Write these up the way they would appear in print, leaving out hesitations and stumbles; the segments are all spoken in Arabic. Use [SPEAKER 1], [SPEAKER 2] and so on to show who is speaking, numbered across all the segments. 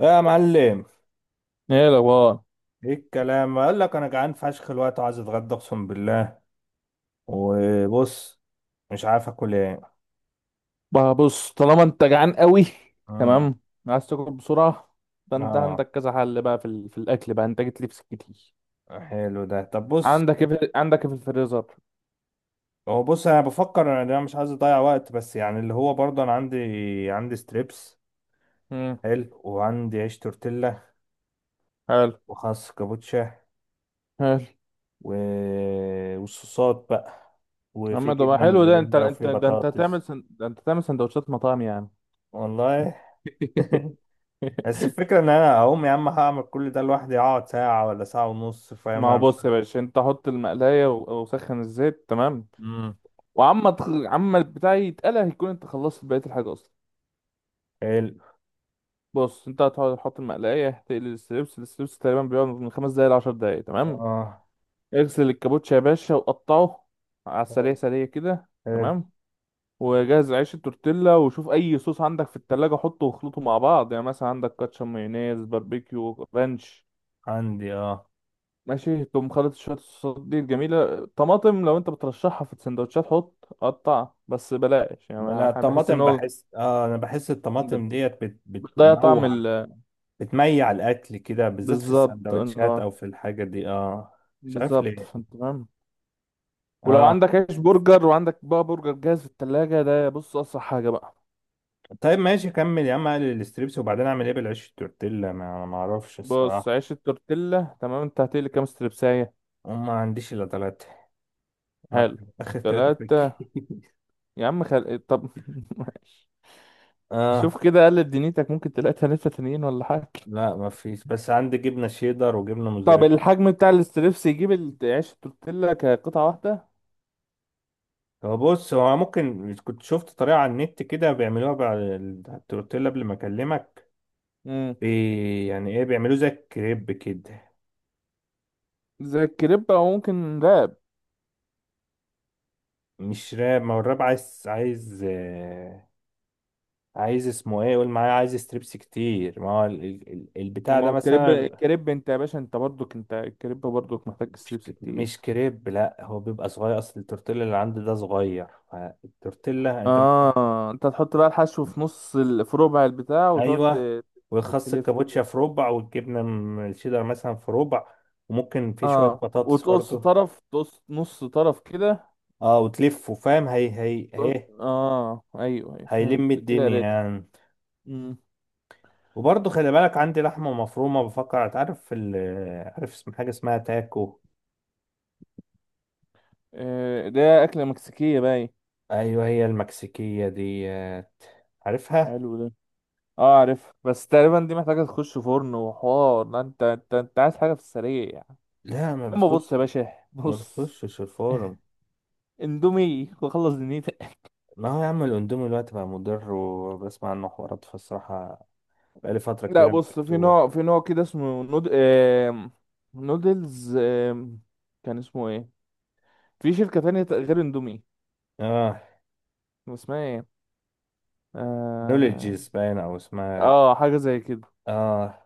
[SPEAKER 1] يا معلم،
[SPEAKER 2] ايه الاخبار؟
[SPEAKER 1] ايه الكلام؟ اقول لك انا جعان فشخ الوقت وعايز اتغدى اقسم بالله. وبص، مش عارف اكل ايه.
[SPEAKER 2] بقى بص، طالما انت جعان قوي،
[SPEAKER 1] امم.
[SPEAKER 2] تمام، عايز تاكل بسرعه، فانت
[SPEAKER 1] اه،
[SPEAKER 2] عندك كذا حل بقى في الاكل بقى. انت جيت لي في سكتي.
[SPEAKER 1] حلو ده. طب بص،
[SPEAKER 2] عندك ايه عندك ايه في الفريزر؟
[SPEAKER 1] هو بص انا بفكر، أنا مش عايز اضيع وقت، بس يعني اللي هو برضه انا عندي ستريبس.
[SPEAKER 2] امم،
[SPEAKER 1] حلو. وعندي عيش تورتيلا،
[SPEAKER 2] حلو
[SPEAKER 1] وخس كابوتشا
[SPEAKER 2] حلو.
[SPEAKER 1] و... والصوصات بقى، وفي
[SPEAKER 2] اما ده بقى
[SPEAKER 1] جبنه
[SPEAKER 2] حلو. ده انت
[SPEAKER 1] موزاريلا، وفي
[SPEAKER 2] انت ده انت
[SPEAKER 1] بطاطس.
[SPEAKER 2] ده انت هتعمل سندوتشات مطاعم يعني.
[SPEAKER 1] والله. بس الفكرة ان انا اقوم يا عم هعمل كل ده لوحدي، اقعد ساعة ولا ساعة ونص،
[SPEAKER 2] ما
[SPEAKER 1] فاهم؟
[SPEAKER 2] هو
[SPEAKER 1] انا مش...
[SPEAKER 2] بص يا باشا، انت حط المقلايه وسخن الزيت، تمام.
[SPEAKER 1] امم.
[SPEAKER 2] عما البتاع يتقلى هيكون انت خلصت بقيه الحاجه اصلا.
[SPEAKER 1] حلو.
[SPEAKER 2] بص، انت هتحط المقلايه تقلي الستريبس. الستريبس تقريبا بيقعد من 5 دقايق لـ10 دقايق، تمام.
[SPEAKER 1] اه.
[SPEAKER 2] اغسل الكابوتشا يا باشا وقطعه على
[SPEAKER 1] حلو،
[SPEAKER 2] السريع، سريع كده،
[SPEAKER 1] حلو.
[SPEAKER 2] تمام. وجهز عيش التورتيلا، وشوف اي صوص عندك في التلاجة حطه واخلطه مع بعض. يعني مثلا عندك كاتشب، مايونيز، باربيكيو، رانش،
[SPEAKER 1] عندي، اه.
[SPEAKER 2] ماشي، تقوم خلط شوية الصوصات دي الجميلة. طماطم لو انت بترشحها في السندوتشات حط قطع بس، بلاش يعني،
[SPEAKER 1] لا،
[SPEAKER 2] أنا بحس ان
[SPEAKER 1] الطماطم
[SPEAKER 2] هو
[SPEAKER 1] بحس، اه، انا بحس الطماطم
[SPEAKER 2] بت-
[SPEAKER 1] ديت
[SPEAKER 2] بتضيع طعم
[SPEAKER 1] بتموع،
[SPEAKER 2] ال...
[SPEAKER 1] بتميع الاكل كده، بالذات في
[SPEAKER 2] بالظبط،
[SPEAKER 1] السندوتشات او
[SPEAKER 2] انه
[SPEAKER 1] في الحاجة دي، اه. مش عارف
[SPEAKER 2] بالظبط،
[SPEAKER 1] ليه.
[SPEAKER 2] فانت تمام. ولو
[SPEAKER 1] اه،
[SPEAKER 2] عندك عيش برجر وعندك بقى برجر جاهز في التلاجة، ده بص أسرع حاجة بقى.
[SPEAKER 1] طيب ماشي كمل يا عم. اقلل الستريبس، وبعدين اعمل ايه بالعيش التورتيلا؟ ما انا ما اعرفش
[SPEAKER 2] بص
[SPEAKER 1] الصراحة.
[SPEAKER 2] عيش التورتيلا، تمام. انت هتقلي كام ستربساية؟
[SPEAKER 1] وما عنديش الا ثلاثة. ما
[SPEAKER 2] حلو.
[SPEAKER 1] اخر ثلاثة في
[SPEAKER 2] تلاتة؟
[SPEAKER 1] الكيس.
[SPEAKER 2] يا عم طب ماشي.
[SPEAKER 1] اه.
[SPEAKER 2] شوف كده قلب دنيتك، ممكن تلاقي تلاتة تانيين ولا حاجة.
[SPEAKER 1] لا ما فيش، بس عندي جبنه شيدر وجبنه
[SPEAKER 2] طب
[SPEAKER 1] موزاريلا.
[SPEAKER 2] الحجم بتاع الستريبس يجيب عيش التورتيلا كقطعة واحدة.
[SPEAKER 1] هو بص، هو ممكن كنت شفت طريقه على النت كده بيعملوها بعد التورتيلا قبل ما اكلمك.
[SPEAKER 2] امم.
[SPEAKER 1] يعني ايه، بيعملوه زي الكريب كده.
[SPEAKER 2] زي الكريب او ممكن راب.
[SPEAKER 1] مش راب، ما هو الراب عايز، عايز اسمه ايه؟ قول معايا. عايز ستريبس كتير، ما هو البتاع
[SPEAKER 2] ما
[SPEAKER 1] ده
[SPEAKER 2] هو الكريب،
[SPEAKER 1] مثلا بيبقى...
[SPEAKER 2] الكريب انت يا باشا، انت برضك، انت الكريب برضك محتاج ستريبس كتير.
[SPEAKER 1] مش كريب، لا هو بيبقى صغير، اصل التورتيلا اللي عندي ده صغير، فالتورتيلا انت...
[SPEAKER 2] اه، انت تحط بقى الحشو في في ربع البتاع،
[SPEAKER 1] ايوه. ويخص
[SPEAKER 2] تلف
[SPEAKER 1] الكابوتشا
[SPEAKER 2] كده.
[SPEAKER 1] في ربع، والجبنه الشيدر مثلا في ربع. وممكن في شويه
[SPEAKER 2] اه،
[SPEAKER 1] بطاطس
[SPEAKER 2] وتقص
[SPEAKER 1] برضه.
[SPEAKER 2] طرف، تقص نص طرف كده.
[SPEAKER 1] اه، وتلفه فاهم، هي هي
[SPEAKER 2] تقعد-
[SPEAKER 1] هي
[SPEAKER 2] اه، ايوه، أيوة،
[SPEAKER 1] هيلم
[SPEAKER 2] فهمت كده
[SPEAKER 1] الدنيا
[SPEAKER 2] قريت.
[SPEAKER 1] يعني.
[SPEAKER 2] امم.
[SPEAKER 1] وبرضه خلي بالك، عندي لحمه مفرومه، بفكر. تعرف ال... عارف اسم حاجه اسمها تاكو؟
[SPEAKER 2] آه، ده اكله مكسيكيه، باي
[SPEAKER 1] ايوه، هي المكسيكيه ديت، عارفها.
[SPEAKER 2] حلو ده. اه عارف، بس تقريبا دي محتاجه تخش فرن وحوار، لا انت انت عايز حاجه في السريع يعني.
[SPEAKER 1] لا، ما
[SPEAKER 2] اما
[SPEAKER 1] بتخش،
[SPEAKER 2] بص يا باشا
[SPEAKER 1] ما
[SPEAKER 2] بص،
[SPEAKER 1] بتخشش الفرن.
[SPEAKER 2] اندومي وخلص دنيتك.
[SPEAKER 1] ما هو يا عم الاندومي دلوقتي بقى مضر، وبسمع عنه حوارات، فالصراحه بقالي فتره
[SPEAKER 2] لا
[SPEAKER 1] كبيره ما
[SPEAKER 2] بص، في
[SPEAKER 1] جبتوه.
[SPEAKER 2] نوع، في نوع كده نودلز، كان اسمه ايه؟ في شركه تانية غير اندومي،
[SPEAKER 1] اه،
[SPEAKER 2] اسمها ايه؟ آم...
[SPEAKER 1] نولجيز باين او اسمها.
[SPEAKER 2] اه حاجه زي كده.
[SPEAKER 1] اه،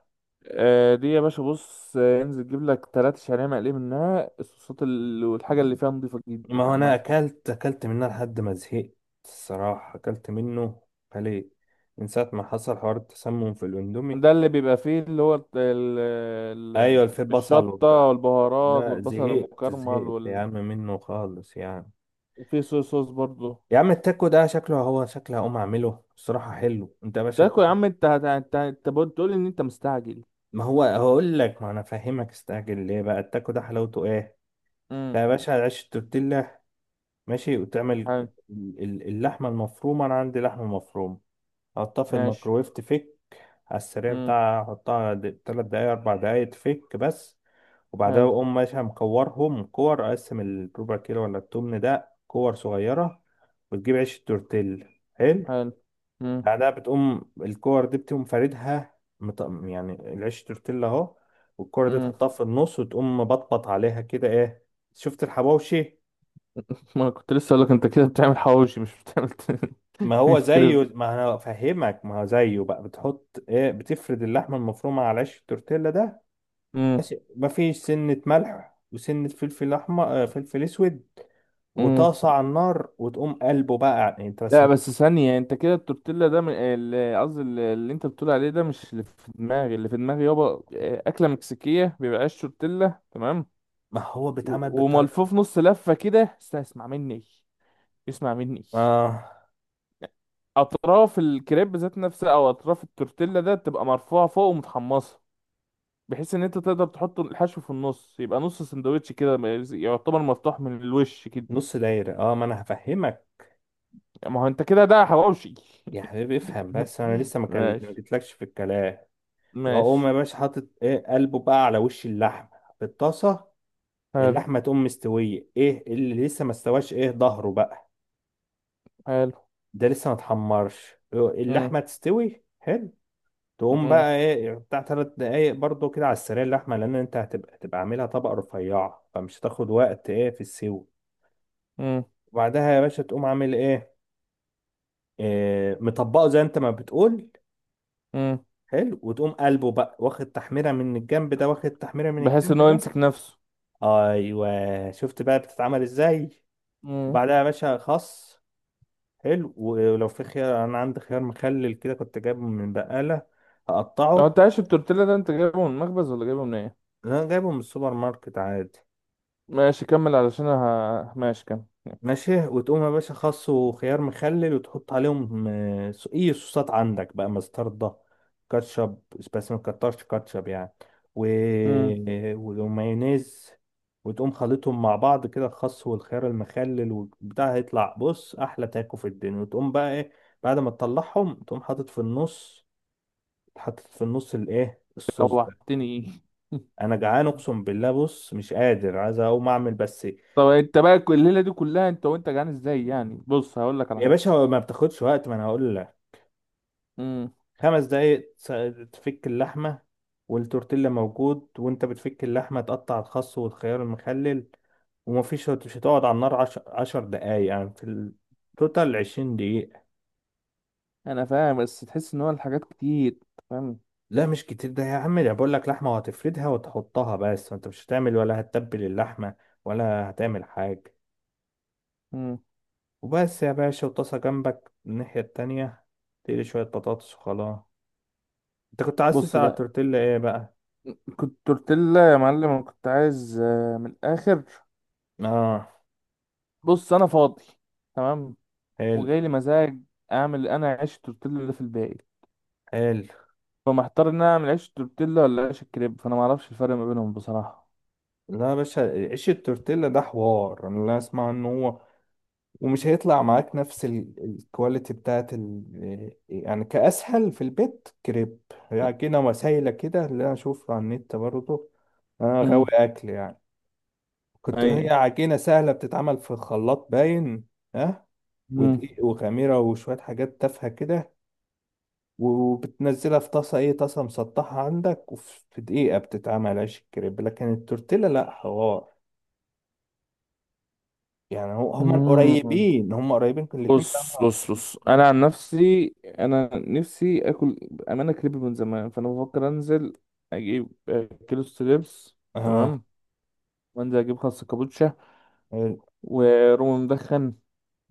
[SPEAKER 2] آه دي يا باشا، بص انزل جيب لك 3 شعريه مقليه منها. والحاجه اللي فيها نضيفه
[SPEAKER 1] ما
[SPEAKER 2] جدا
[SPEAKER 1] هو
[SPEAKER 2] عامه.
[SPEAKER 1] انا اكلت اكلت منها لحد ما زهقت. الصراحه اكلت منه، عليه، من ساعه ما حصل حوار التسمم في الاندومي.
[SPEAKER 2] ده اللي بيبقى فيه اللي هو
[SPEAKER 1] ايوه، الفي بصل
[SPEAKER 2] الشطه
[SPEAKER 1] وبتاع.
[SPEAKER 2] والبهارات
[SPEAKER 1] لا،
[SPEAKER 2] والبصل
[SPEAKER 1] زهقت
[SPEAKER 2] المكرمل
[SPEAKER 1] زهقت يا عم منه خالص يعني.
[SPEAKER 2] وفيه صويا صوص برضه.
[SPEAKER 1] يا عم التاكو ده شكله، هو شكله هقوم اعمله الصراحه. حلو، انت يا باشا
[SPEAKER 2] تاكل يا
[SPEAKER 1] بتاخد-
[SPEAKER 2] عم، انت بتقول ان انت مستعجل.
[SPEAKER 1] ما هو هقول لك، ما انا فاهمك. استعجل ليه بقى؟ التاكو ده حلاوته ايه.
[SPEAKER 2] امم.
[SPEAKER 1] ده يا باشا عيش تورتيلا، ماشي، وتعمل
[SPEAKER 2] حلو.
[SPEAKER 1] اللحمه المفرومه. انا عندي لحمه مفرومه، حطها في
[SPEAKER 2] ماشي.
[SPEAKER 1] الميكروويف تفك، على السريع
[SPEAKER 2] امم.
[SPEAKER 1] بتاعها. حطها 3 دقايق، 4 دقايق، تفك بس. وبعدها
[SPEAKER 2] حلو
[SPEAKER 1] أقوم ماشي مكورهم كور، أقسم الربع كيلو ولا التمن ده كور صغيرة، وتجيب عيش التورتيل. حلو.
[SPEAKER 2] حلو. امم.
[SPEAKER 1] بعدها بتقوم الكور دي بتقوم فاردها، يعني العيش التورتيل أهو، والكورة دي
[SPEAKER 2] امم.
[SPEAKER 1] تحطها في النص، وتقوم بطبط عليها كده. إيه، شفت الحواوشي؟
[SPEAKER 2] ما كنت لسه اقول لك انت كده بتعمل حواوشي، مش بتعمل.
[SPEAKER 1] ما هو
[SPEAKER 2] كريب.
[SPEAKER 1] زيه، ما انا افهمك، ما هو زيه بقى. بتحط ايه؟ بتفرد اللحمه المفرومه على عيش التورتيلا ده، ماشي؟ مفيش سنة ملح وسنة فلفل أحمر، آه، فلفل أسود.
[SPEAKER 2] امم.
[SPEAKER 1] وطاسة على النار، وتقوم قلبه بقى، يعني أنت بس.
[SPEAKER 2] لا بس ثانية، انت كده التورتيلا ده قصدي اللي انت بتقول عليه ده مش اللي في دماغي. اللي في دماغي يابا، اه، أكلة مكسيكية، بيبقى عيش تورتيلا تمام
[SPEAKER 1] ما هو بيتعمل بالطريقة.
[SPEAKER 2] وملفوف نص لفة كده. اسمع مني، اسمع مني،
[SPEAKER 1] آه،
[SPEAKER 2] أطراف الكريب ذات نفسها أو أطراف التورتيلا ده تبقى مرفوعة فوق ومتحمصة، بحيث إن أنت تقدر تحط الحشو في النص. يبقى نص سندوتش كده، يعتبر مفتوح من الوش كده.
[SPEAKER 1] نص دايرة. آه، ما أنا هفهمك
[SPEAKER 2] ما هو أنت كده ده حواوشي.
[SPEAKER 1] يا حبيبي، افهم بس، أنا لسه ما ما
[SPEAKER 2] ماشي،
[SPEAKER 1] جيتلكش في الكلام. وأقوم يا
[SPEAKER 2] ماشي.
[SPEAKER 1] باشا حاطط إيه، قلبه بقى على وش اللحمة في الطاسة.
[SPEAKER 2] حلو
[SPEAKER 1] اللحمة تقوم مستوية، إيه اللي لسه ما استواش؟ إيه، ظهره بقى
[SPEAKER 2] حلو.
[SPEAKER 1] ده لسه ما اتحمرش، آه،
[SPEAKER 2] مم.
[SPEAKER 1] اللحمة تستوي. حلو. تقوم
[SPEAKER 2] مم.
[SPEAKER 1] بقى ايه، يعني بتاع 3 دقايق برضو كده على السريع اللحمة، لأن أنت هتبقى عاملها طبقة رفيعة، فمش هتاخد وقت، ايه، في السوى.
[SPEAKER 2] مم.
[SPEAKER 1] وبعدها يا باشا تقوم عامل ايه، إيه، مطبقه زي أنت ما بتقول.
[SPEAKER 2] مم.
[SPEAKER 1] حلو. وتقوم قلبه بقى، واخد تحميرة من الجنب ده، واخد تحميرة من
[SPEAKER 2] بحيث ان
[SPEAKER 1] الجنب
[SPEAKER 2] هو
[SPEAKER 1] ده.
[SPEAKER 2] يمسك نفسه.
[SPEAKER 1] أيوه، شفت بقى بتتعمل ازاي؟
[SPEAKER 2] مم.
[SPEAKER 1] وبعدها يا باشا خس. حلو، ولو في خيار، أنا عندي خيار مخلل كده كنت جايبه من بقالة،
[SPEAKER 2] هو
[SPEAKER 1] هقطعه.
[SPEAKER 2] انت عايش التورتيلا ده انت جايبه من المخبز ولا جايبه من ايه؟
[SPEAKER 1] أنا جايبه من السوبر ماركت عادي.
[SPEAKER 2] ماشي كمل، ماشي كمل.
[SPEAKER 1] ماشي، وتقوم يا باشا خس وخيار مخلل، وتحط عليهم، آه، اي صوصات عندك بقى، مستردة، كاتشب، بس ما تكترش كاتشب يعني، و...
[SPEAKER 2] امم.
[SPEAKER 1] ومايونيز. وتقوم خلطهم مع بعض كده، الخس والخيار المخلل والبتاع، هيطلع بص احلى تاكو في الدنيا. وتقوم بقى ايه بعد ما تطلعهم، تقوم حاطط في النص. الايه، الصوص ده.
[SPEAKER 2] روحتني.
[SPEAKER 1] انا جعان اقسم بالله، بص مش قادر، عايز اقوم اعمل بس.
[SPEAKER 2] طب انت بقى كل الليله دي كلها انت وانت جعان ازاي يعني؟ بص هقول لك على
[SPEAKER 1] يا
[SPEAKER 2] حاجه.
[SPEAKER 1] باشا، ما بتاخدش وقت، ما انا هقول لك.
[SPEAKER 2] امم.
[SPEAKER 1] 5 دقايق تفك اللحمة، والتورتيلا موجود. وانت بتفك اللحمة، تقطع الخس والخيار المخلل. ومفيش، مش هتقعد على النار 10 دقايق يعني. في التوتال 20 دقيقة.
[SPEAKER 2] انا فاهم، بس تحس ان هو الحاجات كتير انت، فاهم.
[SPEAKER 1] لا، مش كتير ده يا عم، ده بقول لك لحمة وهتفردها وتحطها بس، انت مش هتعمل ولا هتتبل اللحمة، ولا هتعمل حاجة.
[SPEAKER 2] امم.
[SPEAKER 1] وبس يا باشا، وطاسة جنبك الناحية التانية، تقلي شوية بطاطس، وخلاص. انت كنت عايز
[SPEAKER 2] بص
[SPEAKER 1] تسأل على
[SPEAKER 2] بقى،
[SPEAKER 1] التورتيلا ايه بقى؟
[SPEAKER 2] كنت تورتيلا يا معلم، انا كنت عايز من الاخر.
[SPEAKER 1] اه.
[SPEAKER 2] بص انا فاضي، تمام،
[SPEAKER 1] حلو،
[SPEAKER 2] وجاي لي مزاج اعمل انا عيش تورتيلا اللي في الباقي.
[SPEAKER 1] حلو.
[SPEAKER 2] فمحتار ان انا اعمل عيش تورتيلا ولا عيش الكريب، فانا ما اعرفش الفرق ما بينهم بصراحه.
[SPEAKER 1] لا يا باشا، عيش التورتيلا ده حوار، انا لا اسمع ان هو ومش هيطلع معاك نفس الكواليتي بتاعت ال... آه، يعني كاسهل في البيت كريب، يعني كده. وسايله كده اللي انا اشوفها على النت برضه، انا غاوي
[SPEAKER 2] امم.
[SPEAKER 1] اكل يعني. كنت هي
[SPEAKER 2] ايوه.
[SPEAKER 1] عجينه سهله، بتتعمل في الخلاط باين. ها.
[SPEAKER 2] امم.
[SPEAKER 1] ودقيق وخميره وشويه حاجات تافهه كده، وبتنزلها في طاسه، ايه، طاسه مسطحه عندك، وفي دقيقه بتتعمل عيش الكريب. لكن التورتيلا لا حوار يعني. هو هم
[SPEAKER 2] أمم.
[SPEAKER 1] قريبين، هم قريبين، كل الاتنين بتاع
[SPEAKER 2] بص
[SPEAKER 1] بعض.
[SPEAKER 2] بص بص انا عن نفسي انا نفسي اكل امانه كريب من زمان، فانا بفكر انزل اجيب كيلو ستريبس،
[SPEAKER 1] اه،
[SPEAKER 2] تمام، وانزل اجيب خس كابوتشا
[SPEAKER 1] ال-
[SPEAKER 2] ورومي مدخن.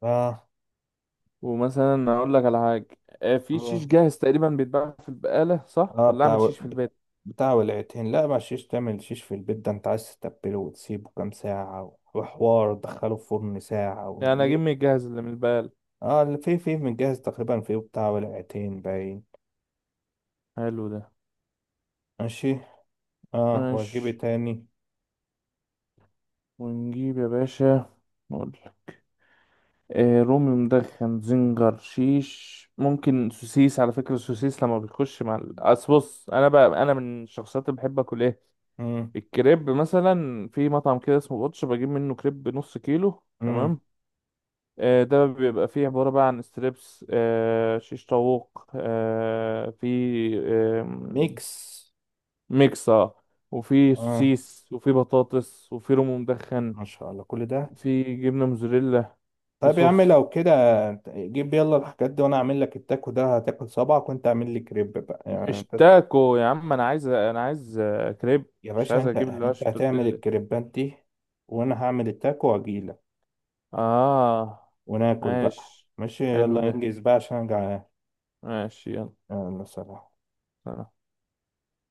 [SPEAKER 1] اه
[SPEAKER 2] ومثلا اقول لك على حاجه، في شيش
[SPEAKER 1] اه
[SPEAKER 2] جاهز تقريبا بيتباع في البقاله، صح؟
[SPEAKER 1] اه
[SPEAKER 2] ولا
[SPEAKER 1] بتاع،
[SPEAKER 2] اعمل شيش في البيت؟
[SPEAKER 1] بتاع ولعتين. لا، ما شيش، تعمل شيش في البيت ده؟ انت عايز تتبله وتسيبه كام ساعة، وحوار تدخله في فرن ساعة و...
[SPEAKER 2] يعني اجيب من
[SPEAKER 1] ليه؟
[SPEAKER 2] الجاهز اللي من البقاله.
[SPEAKER 1] اه، اللي في متجهز تقريبا في بتاع ولعتين باين.
[SPEAKER 2] حلو ده.
[SPEAKER 1] ماشي. اه، واجيبه
[SPEAKER 2] ماشي.
[SPEAKER 1] تاني.
[SPEAKER 2] ونجيب يا باشا، نقول لك، آه رومي مدخن، زنجر، شيش، ممكن سوسيس. على فكرة السوسيس لما بيخش مع أصل بص، أنا بقى، أنا من الشخصيات اللي بحب أكل إيه؟
[SPEAKER 1] مم.
[SPEAKER 2] الكريب مثلا في مطعم كده اسمه بوتش بجيب منه كريب نص كيلو،
[SPEAKER 1] مم.
[SPEAKER 2] تمام. آه ده بيبقى فيه عبارة بقى عن ستريبس، آه شيش طاووق، آه في آه
[SPEAKER 1] ميكس.
[SPEAKER 2] ميكسة، وفي
[SPEAKER 1] اه،
[SPEAKER 2] سوسيس، وفي بطاطس، وفي رومي مدخن،
[SPEAKER 1] ما شاء الله كل ده.
[SPEAKER 2] في جبنه موزاريلا، في
[SPEAKER 1] طيب يا عم
[SPEAKER 2] صوص.
[SPEAKER 1] لو كده، جيب يلا الحاجات دي وانا اعمل لك التاكو ده هتاكل صبعك. وانت اعمل لي كريب بقى، يعني
[SPEAKER 2] مش
[SPEAKER 1] انت
[SPEAKER 2] تاكو يا عم، انا عايز، انا عايز كريب،
[SPEAKER 1] يا
[SPEAKER 2] مش
[SPEAKER 1] باشا،
[SPEAKER 2] عايز
[SPEAKER 1] انت
[SPEAKER 2] اجيب اللي هو
[SPEAKER 1] انت هتعمل
[SPEAKER 2] تورتيلا.
[SPEAKER 1] الكريبات دي، وانا هعمل التاكو واجيلك،
[SPEAKER 2] اه.
[SPEAKER 1] وناكل بقى.
[SPEAKER 2] ماشي.
[SPEAKER 1] ماشي،
[SPEAKER 2] حلو
[SPEAKER 1] يلا
[SPEAKER 2] ده.
[SPEAKER 1] انجز بقى عشان انا جعان.
[SPEAKER 2] ماشي يلا.
[SPEAKER 1] يلا سلام.